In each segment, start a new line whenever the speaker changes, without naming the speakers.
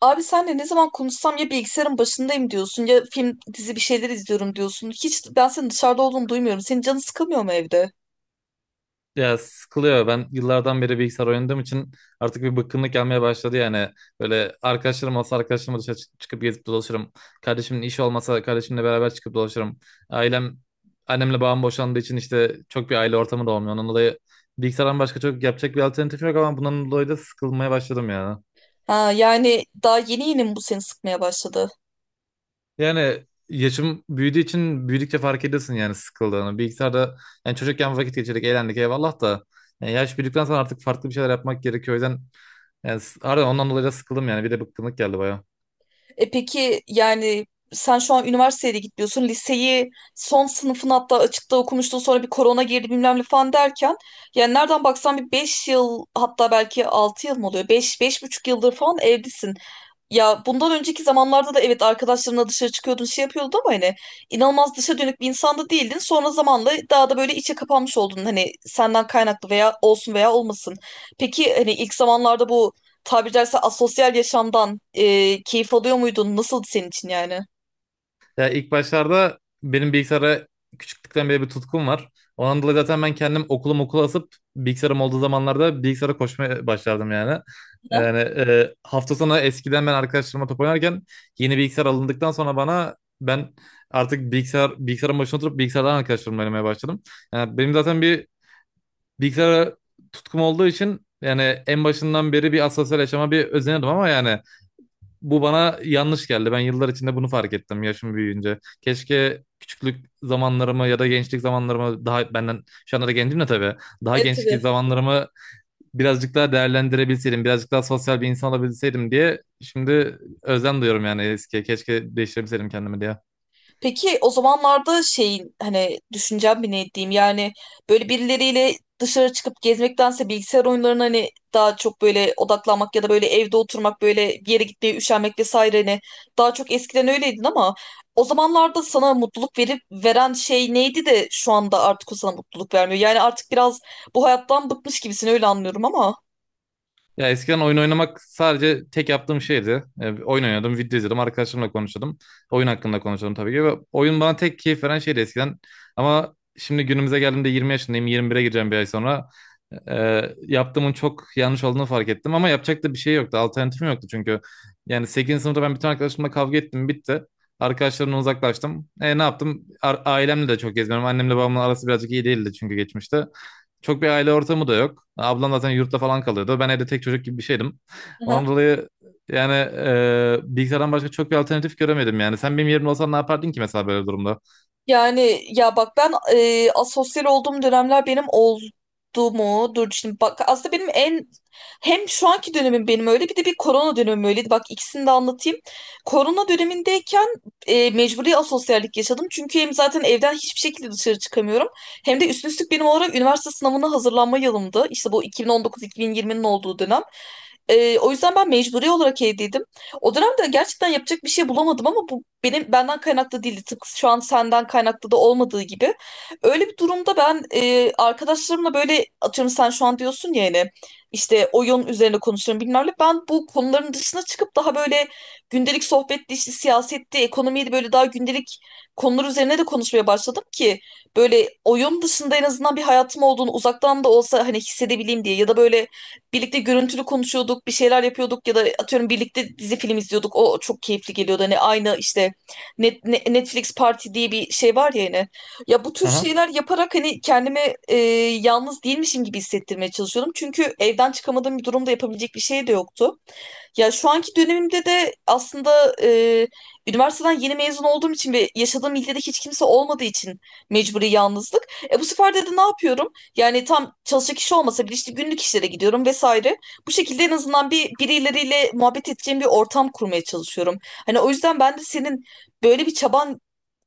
Abi senle ne zaman konuşsam ya bilgisayarın başındayım diyorsun ya film dizi bir şeyler izliyorum diyorsun. Hiç ben senin dışarıda olduğunu duymuyorum. Senin canın sıkılmıyor mu evde?
Ya sıkılıyor. Ben yıllardan beri bilgisayar oynadığım için artık bir bıkkınlık gelmeye başladı yani. Böyle arkadaşlarım olsa arkadaşlarımla dışarı çıkıp gezip dolaşırım. Kardeşimin işi olmasa kardeşimle beraber çıkıp dolaşırım. Ailem, annemle babam boşandığı için işte çok bir aile ortamı da olmuyor. Ondan dolayı bilgisayardan başka çok yapacak bir alternatif yok ama bundan dolayı da sıkılmaya başladım ya.
Ha, yani daha yeni yeni mi bu seni sıkmaya başladı?
Yani yaşım büyüdüğü için büyüdükçe fark ediyorsun yani sıkıldığını. Bilgisayarda yani çocukken vakit geçirdik, eğlendik eyvallah da yani yaş büyüdükten sonra artık farklı bir şeyler yapmak gerekiyor. O yüzden yani harbiden ondan dolayı da sıkıldım yani. Bir de bıkkınlık geldi baya.
E peki yani sen şu an üniversiteye de gitmiyorsun. Liseyi son sınıfın hatta açıkta okumuştun, sonra bir korona girdi bilmem ne falan derken. Yani nereden baksan bir 5 yıl hatta belki 6 yıl mı oluyor? Beş, beş buçuk yıldır falan evdesin. Ya bundan önceki zamanlarda da evet arkadaşlarımla dışarı çıkıyordun, şey yapıyordun ama hani inanılmaz dışa dönük bir insan da değildin. Sonra zamanla daha da böyle içe kapanmış oldun, hani senden kaynaklı veya olsun veya olmasın. Peki hani ilk zamanlarda bu, tabiri caizse, asosyal yaşamdan keyif alıyor muydun? Nasıldı senin için yani?
Ya ilk başlarda benim bilgisayara küçüklükten beri bir tutkum var. Ondan dolayı zaten ben kendim okulum okula asıp bilgisayarım olduğu zamanlarda bilgisayara koşmaya başlardım yani.
Ha?
Yani hafta sonu eskiden ben arkadaşlarıma top oynarken yeni bilgisayar alındıktan sonra bana ben artık bilgisayarın başına oturup bilgisayardan arkadaşlarımla oynamaya başladım. Yani benim zaten bir bilgisayara tutkum olduğu için yani en başından beri bir asosyal yaşama bir özenirdim ama yani bu bana yanlış geldi. Ben yıllar içinde bunu fark ettim yaşım büyüyünce. Keşke küçüklük zamanlarımı ya da gençlik zamanlarımı daha benden şu anda da gencim de tabii. Daha
Evet,
gençlik
tabii.
zamanlarımı birazcık daha değerlendirebilseydim, birazcık daha sosyal bir insan olabilseydim diye şimdi özlem duyuyorum yani eskiye. Keşke değiştirebilseydim kendimi diye.
Peki o zamanlarda şeyin hani düşüncem bir ne diyeyim yani böyle birileriyle dışarı çıkıp gezmektense bilgisayar oyunlarına hani daha çok böyle odaklanmak ya da böyle evde oturmak, böyle bir yere gitmeye üşenmek vesaire, hani daha çok eskiden öyleydin ama o zamanlarda sana mutluluk verip veren şey neydi de şu anda artık o sana mutluluk vermiyor. Yani artık biraz bu hayattan bıkmış gibisin, öyle anlıyorum ama.
Ya eskiden oyun oynamak sadece tek yaptığım şeydi. Oyun oynadım, video izledim, arkadaşlarımla konuşuyordum. Oyun hakkında konuşuyordum tabii ki. Ve oyun bana tek keyif veren şeydi eskiden. Ama şimdi günümüze geldiğimde 20 yaşındayım, 21'e gireceğim bir ay sonra. E, Yaptığımın çok yanlış olduğunu fark ettim. Ama yapacak da bir şey yoktu, alternatifim yoktu çünkü. Yani sekizinci sınıfta ben bütün arkadaşlarımla kavga ettim, bitti. Arkadaşlarımdan uzaklaştım. Ne yaptım? Ailemle de çok gezmiyorum. Annemle babamla arası birazcık iyi değildi çünkü geçmişte. Çok bir aile ortamı da yok. Ablam zaten yurtta falan kalıyordu. Ben evde tek çocuk gibi bir şeydim. Ondan dolayı yani bilgisayardan başka çok bir alternatif göremedim yani. Sen benim yerimde olsan ne yapardın ki mesela böyle bir durumda?
Yani ya bak ben asosyal olduğum dönemler benim oldu mu? Dur şimdi bak, aslında benim en, hem şu anki dönemim benim öyle bir de bir korona dönemim öyleydi. Bak ikisini de anlatayım. Korona dönemindeyken mecburi asosyallik yaşadım. Çünkü hem zaten evden hiçbir şekilde dışarı çıkamıyorum. Hem de üstüne üstlük benim olarak üniversite sınavına hazırlanma yılımdı. İşte bu 2019-2020'nin olduğu dönem. O yüzden ben mecburi olarak evdeydim. O dönemde gerçekten yapacak bir şey bulamadım ama bu benim benden kaynaklı değildi. Tıpkı şu an senden kaynaklı da olmadığı gibi. Öyle bir durumda ben arkadaşlarımla böyle atıyorum sen şu an diyorsun ya hani işte oyun üzerine konuşuyorum bilmem ne. Ben bu konuların dışına çıkıp daha böyle gündelik sohbetti, işte siyasetti, ekonomiydi böyle daha gündelik konular üzerine de konuşmaya başladım ki böyle oyun dışında en azından bir hayatım olduğunu uzaktan da olsa hani hissedebileyim diye, ya da böyle birlikte görüntülü konuşuyorduk, bir şeyler yapıyorduk ya da atıyorum birlikte dizi film izliyorduk. O çok keyifli geliyordu. Hani aynı işte Netflix Party diye bir şey var ya yine. Ya bu tür
Aha.
şeyler yaparak hani kendimi e, yalnız değilmişim gibi hissettirmeye çalışıyordum. Çünkü evden çıkamadığım bir durumda yapabilecek bir şey de yoktu. Ya şu anki dönemimde de aslında üniversiteden yeni mezun olduğum için ve yaşadığım ilde de hiç kimse olmadığı için mecburi yalnızlık. E bu sefer de ne yapıyorum? Yani tam çalışacak kişi olmasa bile işte günlük işlere gidiyorum vesaire. Bu şekilde en azından bir birileriyle muhabbet edeceğim bir ortam kurmaya çalışıyorum. Hani o yüzden ben de senin böyle bir çaban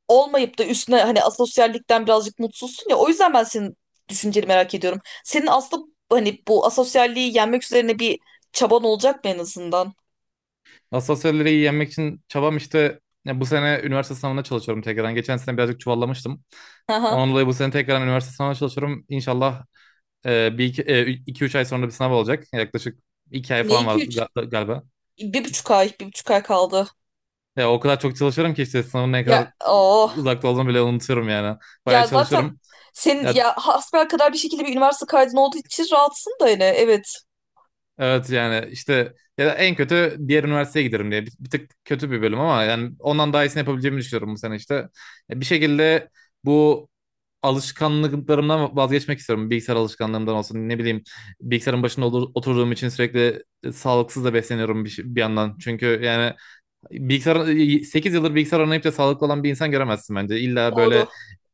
olmayıp da üstüne hani asosyallikten birazcık mutsuzsun ya. O yüzden ben senin düşünceni merak ediyorum. Senin aslında hani bu asosyalliği yenmek üzerine bir çaban olacak mı en azından?
Asosyalleri iyi yenmek için çabam işte, ya bu sene üniversite sınavına çalışıyorum tekrardan. Geçen sene birazcık çuvallamıştım.
Aha.
Ondan dolayı bu sene tekrardan üniversite sınavına çalışıyorum. İnşallah bir iki, 3 ay sonra bir sınav olacak. Yaklaşık 2 ay
Ne
falan var
iki üç?
galiba.
1,5 ay, 1,5 ay kaldı.
Ya o kadar çok çalışıyorum ki işte sınavın ne
Ya
kadar
o
uzakta olduğunu bile unutuyorum yani. Bayağı
Ya zaten
çalışıyorum.
senin
Ya,
ya hasbel kadar bir şekilde bir üniversite kaydın olduğu için rahatsın da yine. Evet.
evet yani işte, ya da en kötü diğer üniversiteye giderim diye. Bir tık kötü bir bölüm ama yani ondan daha iyisini yapabileceğimi düşünüyorum bu sene işte. Ya bir şekilde bu alışkanlıklarımdan vazgeçmek istiyorum. Bilgisayar alışkanlığımdan olsun ne bileyim. Bilgisayarın başında oturduğum için sürekli sağlıksız da besleniyorum bir yandan. Çünkü yani bilgisayar 8 yıldır bilgisayar oynayıp da sağlıklı olan bir insan göremezsin bence. İlla
Doğru.
böyle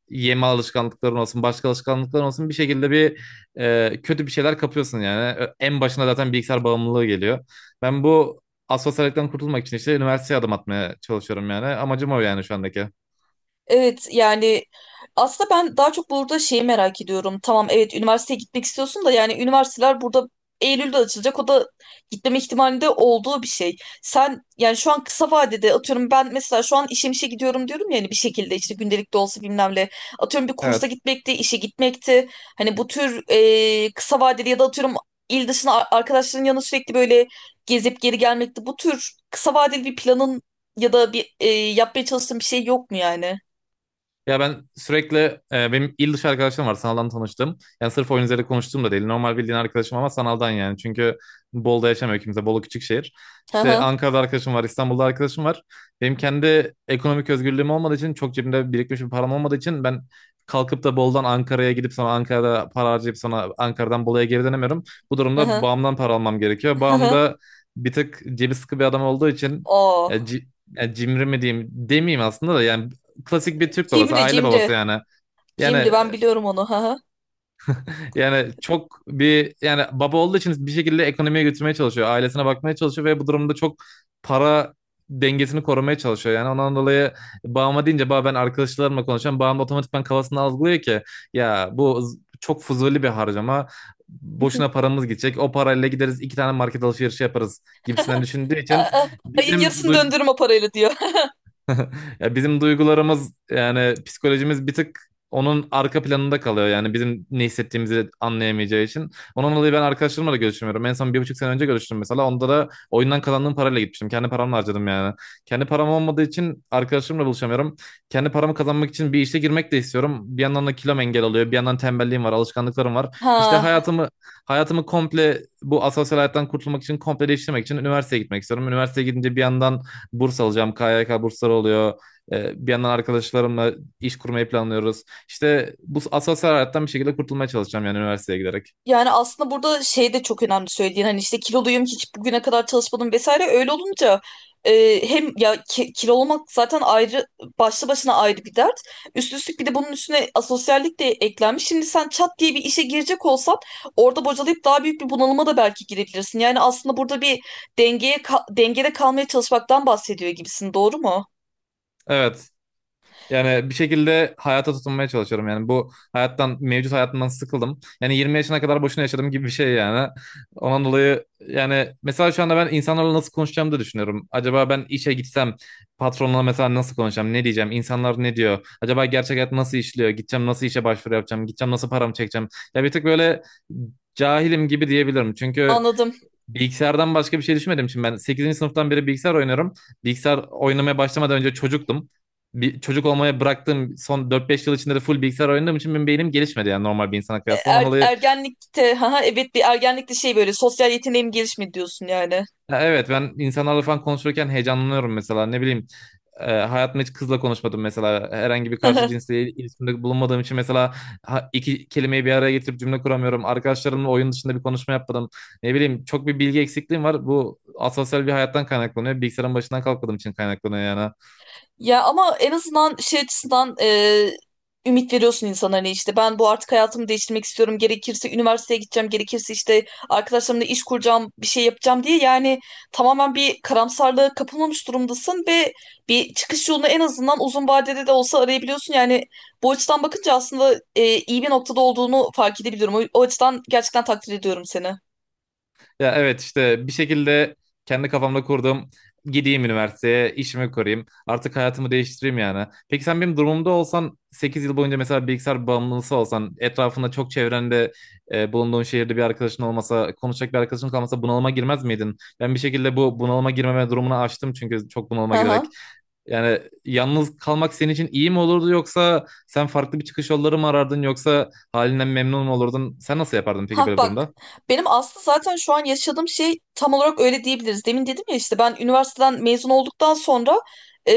yeme alışkanlıkların olsun, başka alışkanlıkların olsun bir şekilde bir kötü bir şeyler kapıyorsun yani. En başına zaten bilgisayar bağımlılığı geliyor. Ben bu asosyalikten kurtulmak için işte üniversiteye adım atmaya çalışıyorum yani. Amacım o yani şu andaki.
Evet yani aslında ben daha çok burada şeyi merak ediyorum. Tamam, evet, üniversiteye gitmek istiyorsun da yani üniversiteler burada Eylül'de açılacak. O da gitmeme ihtimalinde olduğu bir şey. Sen yani şu an kısa vadede atıyorum ben mesela şu an işe gidiyorum diyorum ya hani bir şekilde işte gündelik de olsa bilmem ne. Atıyorum bir kursa
Evet.
gitmekti, işe gitmekti. Hani bu tür kısa vadeli ya da atıyorum il dışına arkadaşların yanına sürekli böyle gezip geri gelmekti. Bu tür kısa vadeli bir planın ya da bir yapmaya çalıştığın bir şey yok mu yani?
Ya ben sürekli benim il dışı arkadaşlarım var, sanaldan tanıştım. Yani sırf oyun üzerinde konuştuğum da değil. Normal bildiğin arkadaşım ama sanaldan yani. Çünkü Bolu'da yaşamıyor kimse. Bolu küçük şehir.
Hı
İşte
hı,
Ankara'da arkadaşım var, İstanbul'da arkadaşım var. Benim kendi ekonomik özgürlüğüm olmadığı için, çok cebimde birikmiş bir param olmadığı için ben kalkıp da Bolu'dan Ankara'ya gidip sonra Ankara'da para harcayıp sonra Ankara'dan Bolu'ya geri dönemiyorum. Bu
hı
durumda
hı,
bağımdan para almam gerekiyor.
hı
Bağım
hı.
da bir tık cebi sıkı bir adam olduğu için
Oo.
e, ci- yani cimri mi diyeyim demeyeyim aslında da, yani klasik bir Türk babası,
Cimri
aile
cimri.
babası yani. Yani
Cimri, ben biliyorum onu. Hı hı.
çok bir yani baba olduğu için bir şekilde ekonomiye götürmeye çalışıyor, ailesine bakmaya çalışıyor ve bu durumda çok para dengesini korumaya çalışıyor. Yani ondan dolayı babama deyince, baba ben arkadaşlarımla konuşuyorum. Babam da otomatikman kafasında algılıyor ki ya bu çok fuzuli bir harcama. Boşuna paramız gidecek. O parayla gideriz, iki tane market alışverişi yaparız gibisinden düşündüğü için
Aa, ayın
bizim
yarısını döndürüm o parayla diyor.
ya bizim duygularımız yani psikolojimiz bir tık onun arka planında kalıyor. Yani bizim ne hissettiğimizi anlayamayacağı için. Ondan dolayı ben arkadaşlarımla da görüşmüyorum. En son 1,5 sene önce görüştüm mesela. Onda da oyundan kazandığım parayla gitmiştim. Kendi paramla harcadım yani. Kendi param olmadığı için arkadaşlarımla buluşamıyorum. Kendi paramı kazanmak için bir işe girmek de istiyorum. Bir yandan da kilom engel oluyor. Bir yandan tembelliğim var, alışkanlıklarım var. İşte
Ha.
hayatımı komple, bu asosyal hayattan kurtulmak için, komple değiştirmek için üniversiteye gitmek istiyorum. Üniversiteye gidince bir yandan burs alacağım. KYK bursları oluyor. Bir yandan arkadaşlarımla iş kurmayı planlıyoruz. İşte bu asosyal hayattan bir şekilde kurtulmaya çalışacağım yani, üniversiteye giderek.
Yani aslında burada şey de çok önemli söylediğin hani işte kiloluyum, hiç bugüne kadar çalışmadım vesaire, öyle olunca hem ya ki, kilo olmak zaten ayrı, başlı başına ayrı bir dert. Üst üstlük bir de bunun üstüne asosyallik de eklenmiş. Şimdi sen çat diye bir işe girecek olsan orada bocalayıp daha büyük bir bunalıma da belki girebilirsin. Yani aslında burada bir dengeye dengede kalmaya çalışmaktan bahsediyor gibisin, doğru mu?
Evet. Yani bir şekilde hayata tutunmaya çalışıyorum. Yani bu hayattan, mevcut hayatımdan sıkıldım. Yani 20 yaşına kadar boşuna yaşadım gibi bir şey yani. Ondan dolayı yani mesela şu anda ben insanlarla nasıl konuşacağımı da düşünüyorum. Acaba ben işe gitsem patronla mesela nasıl konuşacağım, ne diyeceğim, insanlar ne diyor? Acaba gerçek hayat nasıl işliyor? Gideceğim, nasıl işe başvuru yapacağım? Gideceğim, nasıl paramı çekeceğim? Ya bir tık böyle cahilim gibi diyebilirim. Çünkü
Anladım.
bilgisayardan başka bir şey düşünmedim için ben sekizinci sınıftan beri bilgisayar oynuyorum. Bilgisayar oynamaya başlamadan önce çocuktum. Bir çocuk olmaya bıraktığım son dört beş yıl içinde de full bilgisayar oynadığım için benim beynim gelişmedi yani normal bir insana
E,
kıyasla. Ondan
Er,
dolayı,
ergenlikte, haha, evet, bir ergenlikte şey böyle sosyal yeteneğim gelişmedi diyorsun yani.
ya evet, ben insanlarla falan konuşurken heyecanlanıyorum mesela. Ne bileyim, hayatımda hiç kızla konuşmadım mesela, herhangi bir karşı cinsle iletişimde bulunmadığım için, mesela iki kelimeyi bir araya getirip cümle kuramıyorum. Arkadaşlarımla oyun dışında bir konuşma yapmadım, ne bileyim. Çok bir bilgi eksikliğim var, bu asosyal bir hayattan kaynaklanıyor, bilgisayarın başından kalkmadığım için kaynaklanıyor yani.
Ya ama en azından şey açısından ümit veriyorsun insana, hani işte ben bu artık hayatımı değiştirmek istiyorum, gerekirse üniversiteye gideceğim, gerekirse işte arkadaşlarımla iş kuracağım, bir şey yapacağım diye. Yani tamamen bir karamsarlığa kapılmamış durumdasın ve bir çıkış yolunu en azından uzun vadede de olsa arayabiliyorsun. Yani bu açıdan bakınca aslında iyi bir noktada olduğunu fark edebiliyorum. O açıdan gerçekten takdir ediyorum seni.
Ya evet işte, bir şekilde kendi kafamda kurdum. Gideyim üniversiteye, işimi kurayım. Artık hayatımı değiştireyim yani. Peki sen benim durumumda olsan, 8 yıl boyunca mesela bilgisayar bağımlısı olsan, etrafında çok, çevrende bulunduğun şehirde bir arkadaşın olmasa, konuşacak bir arkadaşın kalmasa bunalıma girmez miydin? Ben bir şekilde bu bunalıma girmeme durumunu aştım çünkü, çok
Hı
bunalıma girerek.
hı.
Yani yalnız kalmak senin için iyi mi olurdu, yoksa sen farklı bir çıkış yolları mı arardın, yoksa halinden memnun mu olurdun? Sen nasıl yapardın peki
Ha
böyle bir
bak,
durumda?
benim aslında zaten şu an yaşadığım şey tam olarak öyle diyebiliriz. Demin dedim ya işte ben üniversiteden mezun olduktan sonra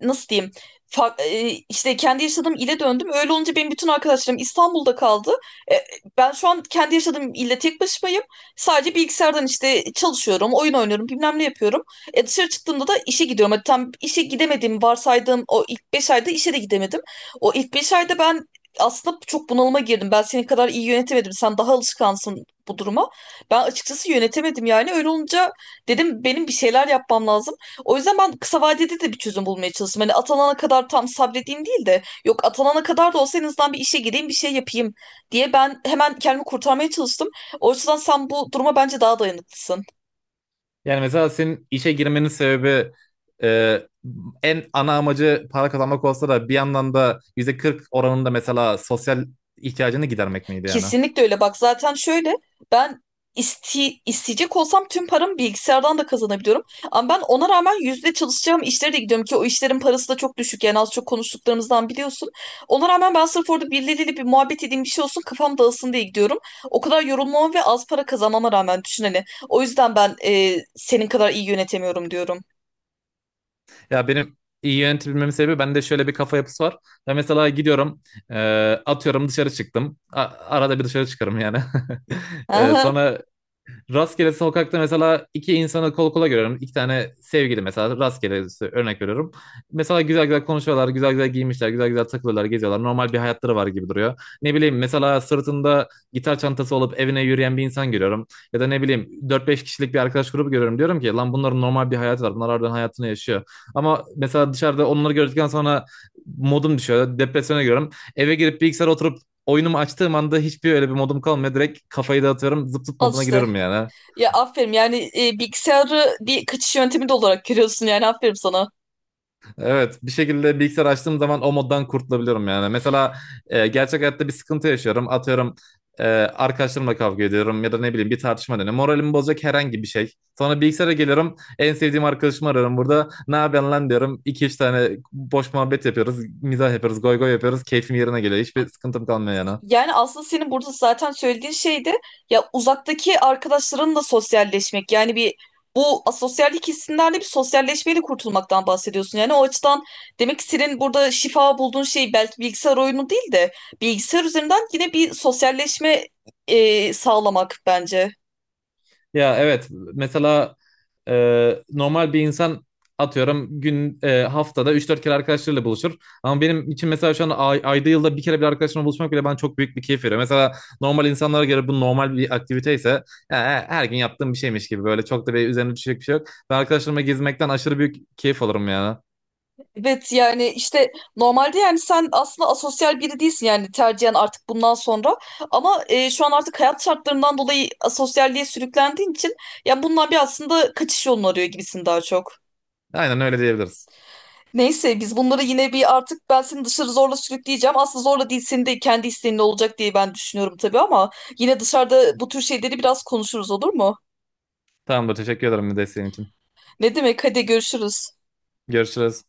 nasıl diyeyim, işte kendi yaşadığım ile döndüm. Öyle olunca benim bütün arkadaşlarım İstanbul'da kaldı. E, Ben şu an kendi yaşadığım ilde tek başımayım. Sadece bilgisayardan işte çalışıyorum, oyun oynuyorum, bilmem ne yapıyorum. Dışarı çıktığımda da işe gidiyorum. Hadi tam işe gidemediğim varsaydığım o ilk 5 ayda işe de gidemedim. O ilk 5 ayda ben aslında çok bunalıma girdim. Ben senin kadar iyi yönetemedim. Sen daha alışkansın bu duruma. Ben açıkçası yönetemedim yani. Öyle olunca dedim benim bir şeyler yapmam lazım. O yüzden ben kısa vadede de bir çözüm bulmaya çalıştım. Hani atanana kadar tam sabredeyim değil de, yok atanana kadar da olsa en azından bir işe gireyim, bir şey yapayım diye ben hemen kendimi kurtarmaya çalıştım. O yüzden sen bu duruma bence daha dayanıklısın.
Yani mesela senin işe girmenin sebebi, e, en ana amacı para kazanmak olsa da bir yandan da %40 oranında mesela sosyal ihtiyacını gidermek miydi yani?
Kesinlikle öyle. Bak, zaten şöyle, ben isteyecek olsam tüm paramı bilgisayardan da kazanabiliyorum. Ama ben ona rağmen yüzde çalışacağım işlere de gidiyorum ki o işlerin parası da çok düşük. Yani az çok konuştuklarımızdan biliyorsun. Ona rağmen ben sırf orada birileriyle bir muhabbet edeyim, bir şey olsun, kafam dağılsın diye gidiyorum. O kadar yorulmama ve az para kazanmama rağmen, düşün hani. O yüzden ben senin kadar iyi yönetemiyorum diyorum.
Ya benim iyi yönetebilmemin sebebi, bende şöyle bir kafa yapısı var. Ben mesela gidiyorum, e, atıyorum dışarı çıktım. Arada bir dışarı çıkarım yani.
Aha,
Sonra rastgele sokakta mesela iki insanı kol kola görüyorum. İki tane sevgili mesela, rastgele örnek veriyorum. Mesela güzel güzel konuşuyorlar, güzel güzel giymişler, güzel güzel takılıyorlar, geziyorlar. Normal bir hayatları var gibi duruyor. Ne bileyim mesela sırtında gitar çantası olup evine yürüyen bir insan görüyorum. Ya da ne bileyim dört beş kişilik bir arkadaş grubu görüyorum. Diyorum ki lan bunların normal bir hayatı var. Bunlar harbiden hayatını yaşıyor. Ama mesela dışarıda onları gördükten sonra modum düşüyor. Depresyona giriyorum. Eve girip bilgisayara oturup oyunumu açtığım anda hiçbir öyle bir modum kalmıyor. Direkt kafayı dağıtıyorum. Zıp zıp
al
moduna
işte.
giriyorum yani.
Ya aferin yani, bilgisayarı bir kaçış yöntemi de olarak görüyorsun yani, aferin sana.
Evet, bir şekilde bilgisayar açtığım zaman o moddan kurtulabiliyorum yani. Mesela gerçek hayatta bir sıkıntı yaşıyorum. Atıyorum arkadaşlarımla kavga ediyorum ya da ne bileyim bir tartışma dönüyor. Moralimi bozacak herhangi bir şey. Sonra bilgisayara geliyorum. En sevdiğim arkadaşımı ararım burada. Ne yapıyorsun lan diyorum. İki üç tane boş muhabbet yapıyoruz. Mizah yapıyoruz. Goy goy yapıyoruz. Keyfim yerine geliyor. Hiçbir sıkıntım kalmıyor yani.
Yani aslında senin burada zaten söylediğin şey de ya uzaktaki arkadaşlarınla sosyalleşmek. Yani bir, bu asosyallik hissinden de bir sosyalleşmeyle kurtulmaktan bahsediyorsun. Yani o açıdan demek ki senin burada şifa bulduğun şey belki bilgisayar oyunu değil de bilgisayar üzerinden yine bir sosyalleşme sağlamak, bence.
Ya evet, mesela normal bir insan, atıyorum haftada üç dört kere arkadaşlarıyla buluşur. Ama benim için mesela şu an ayda, yılda bir kere bir arkadaşımla buluşmak bile bana çok büyük bir keyif veriyor. Mesela normal insanlara göre bu normal bir aktivite ise, her gün yaptığım bir şeymiş gibi böyle çok da bir üzerine düşecek bir şey yok. Ben arkadaşlarımla gezmekten aşırı büyük keyif alırım ya.
Evet yani işte normalde, yani sen aslında asosyal biri değilsin yani tercihen artık bundan sonra, ama şu an artık hayat şartlarından dolayı asosyalliğe sürüklendiğin için ya bundan bir aslında kaçış yolunu arıyor gibisin daha çok.
Aynen öyle diyebiliriz.
Neyse, biz bunları yine bir, artık ben seni dışarı zorla sürükleyeceğim. Aslında zorla değil, senin de kendi isteğinle olacak diye ben düşünüyorum tabii ama yine dışarıda bu tür şeyleri biraz konuşuruz, olur mu?
Tamamdır, teşekkür ederim desteğin için.
Ne demek, hadi görüşürüz.
Görüşürüz.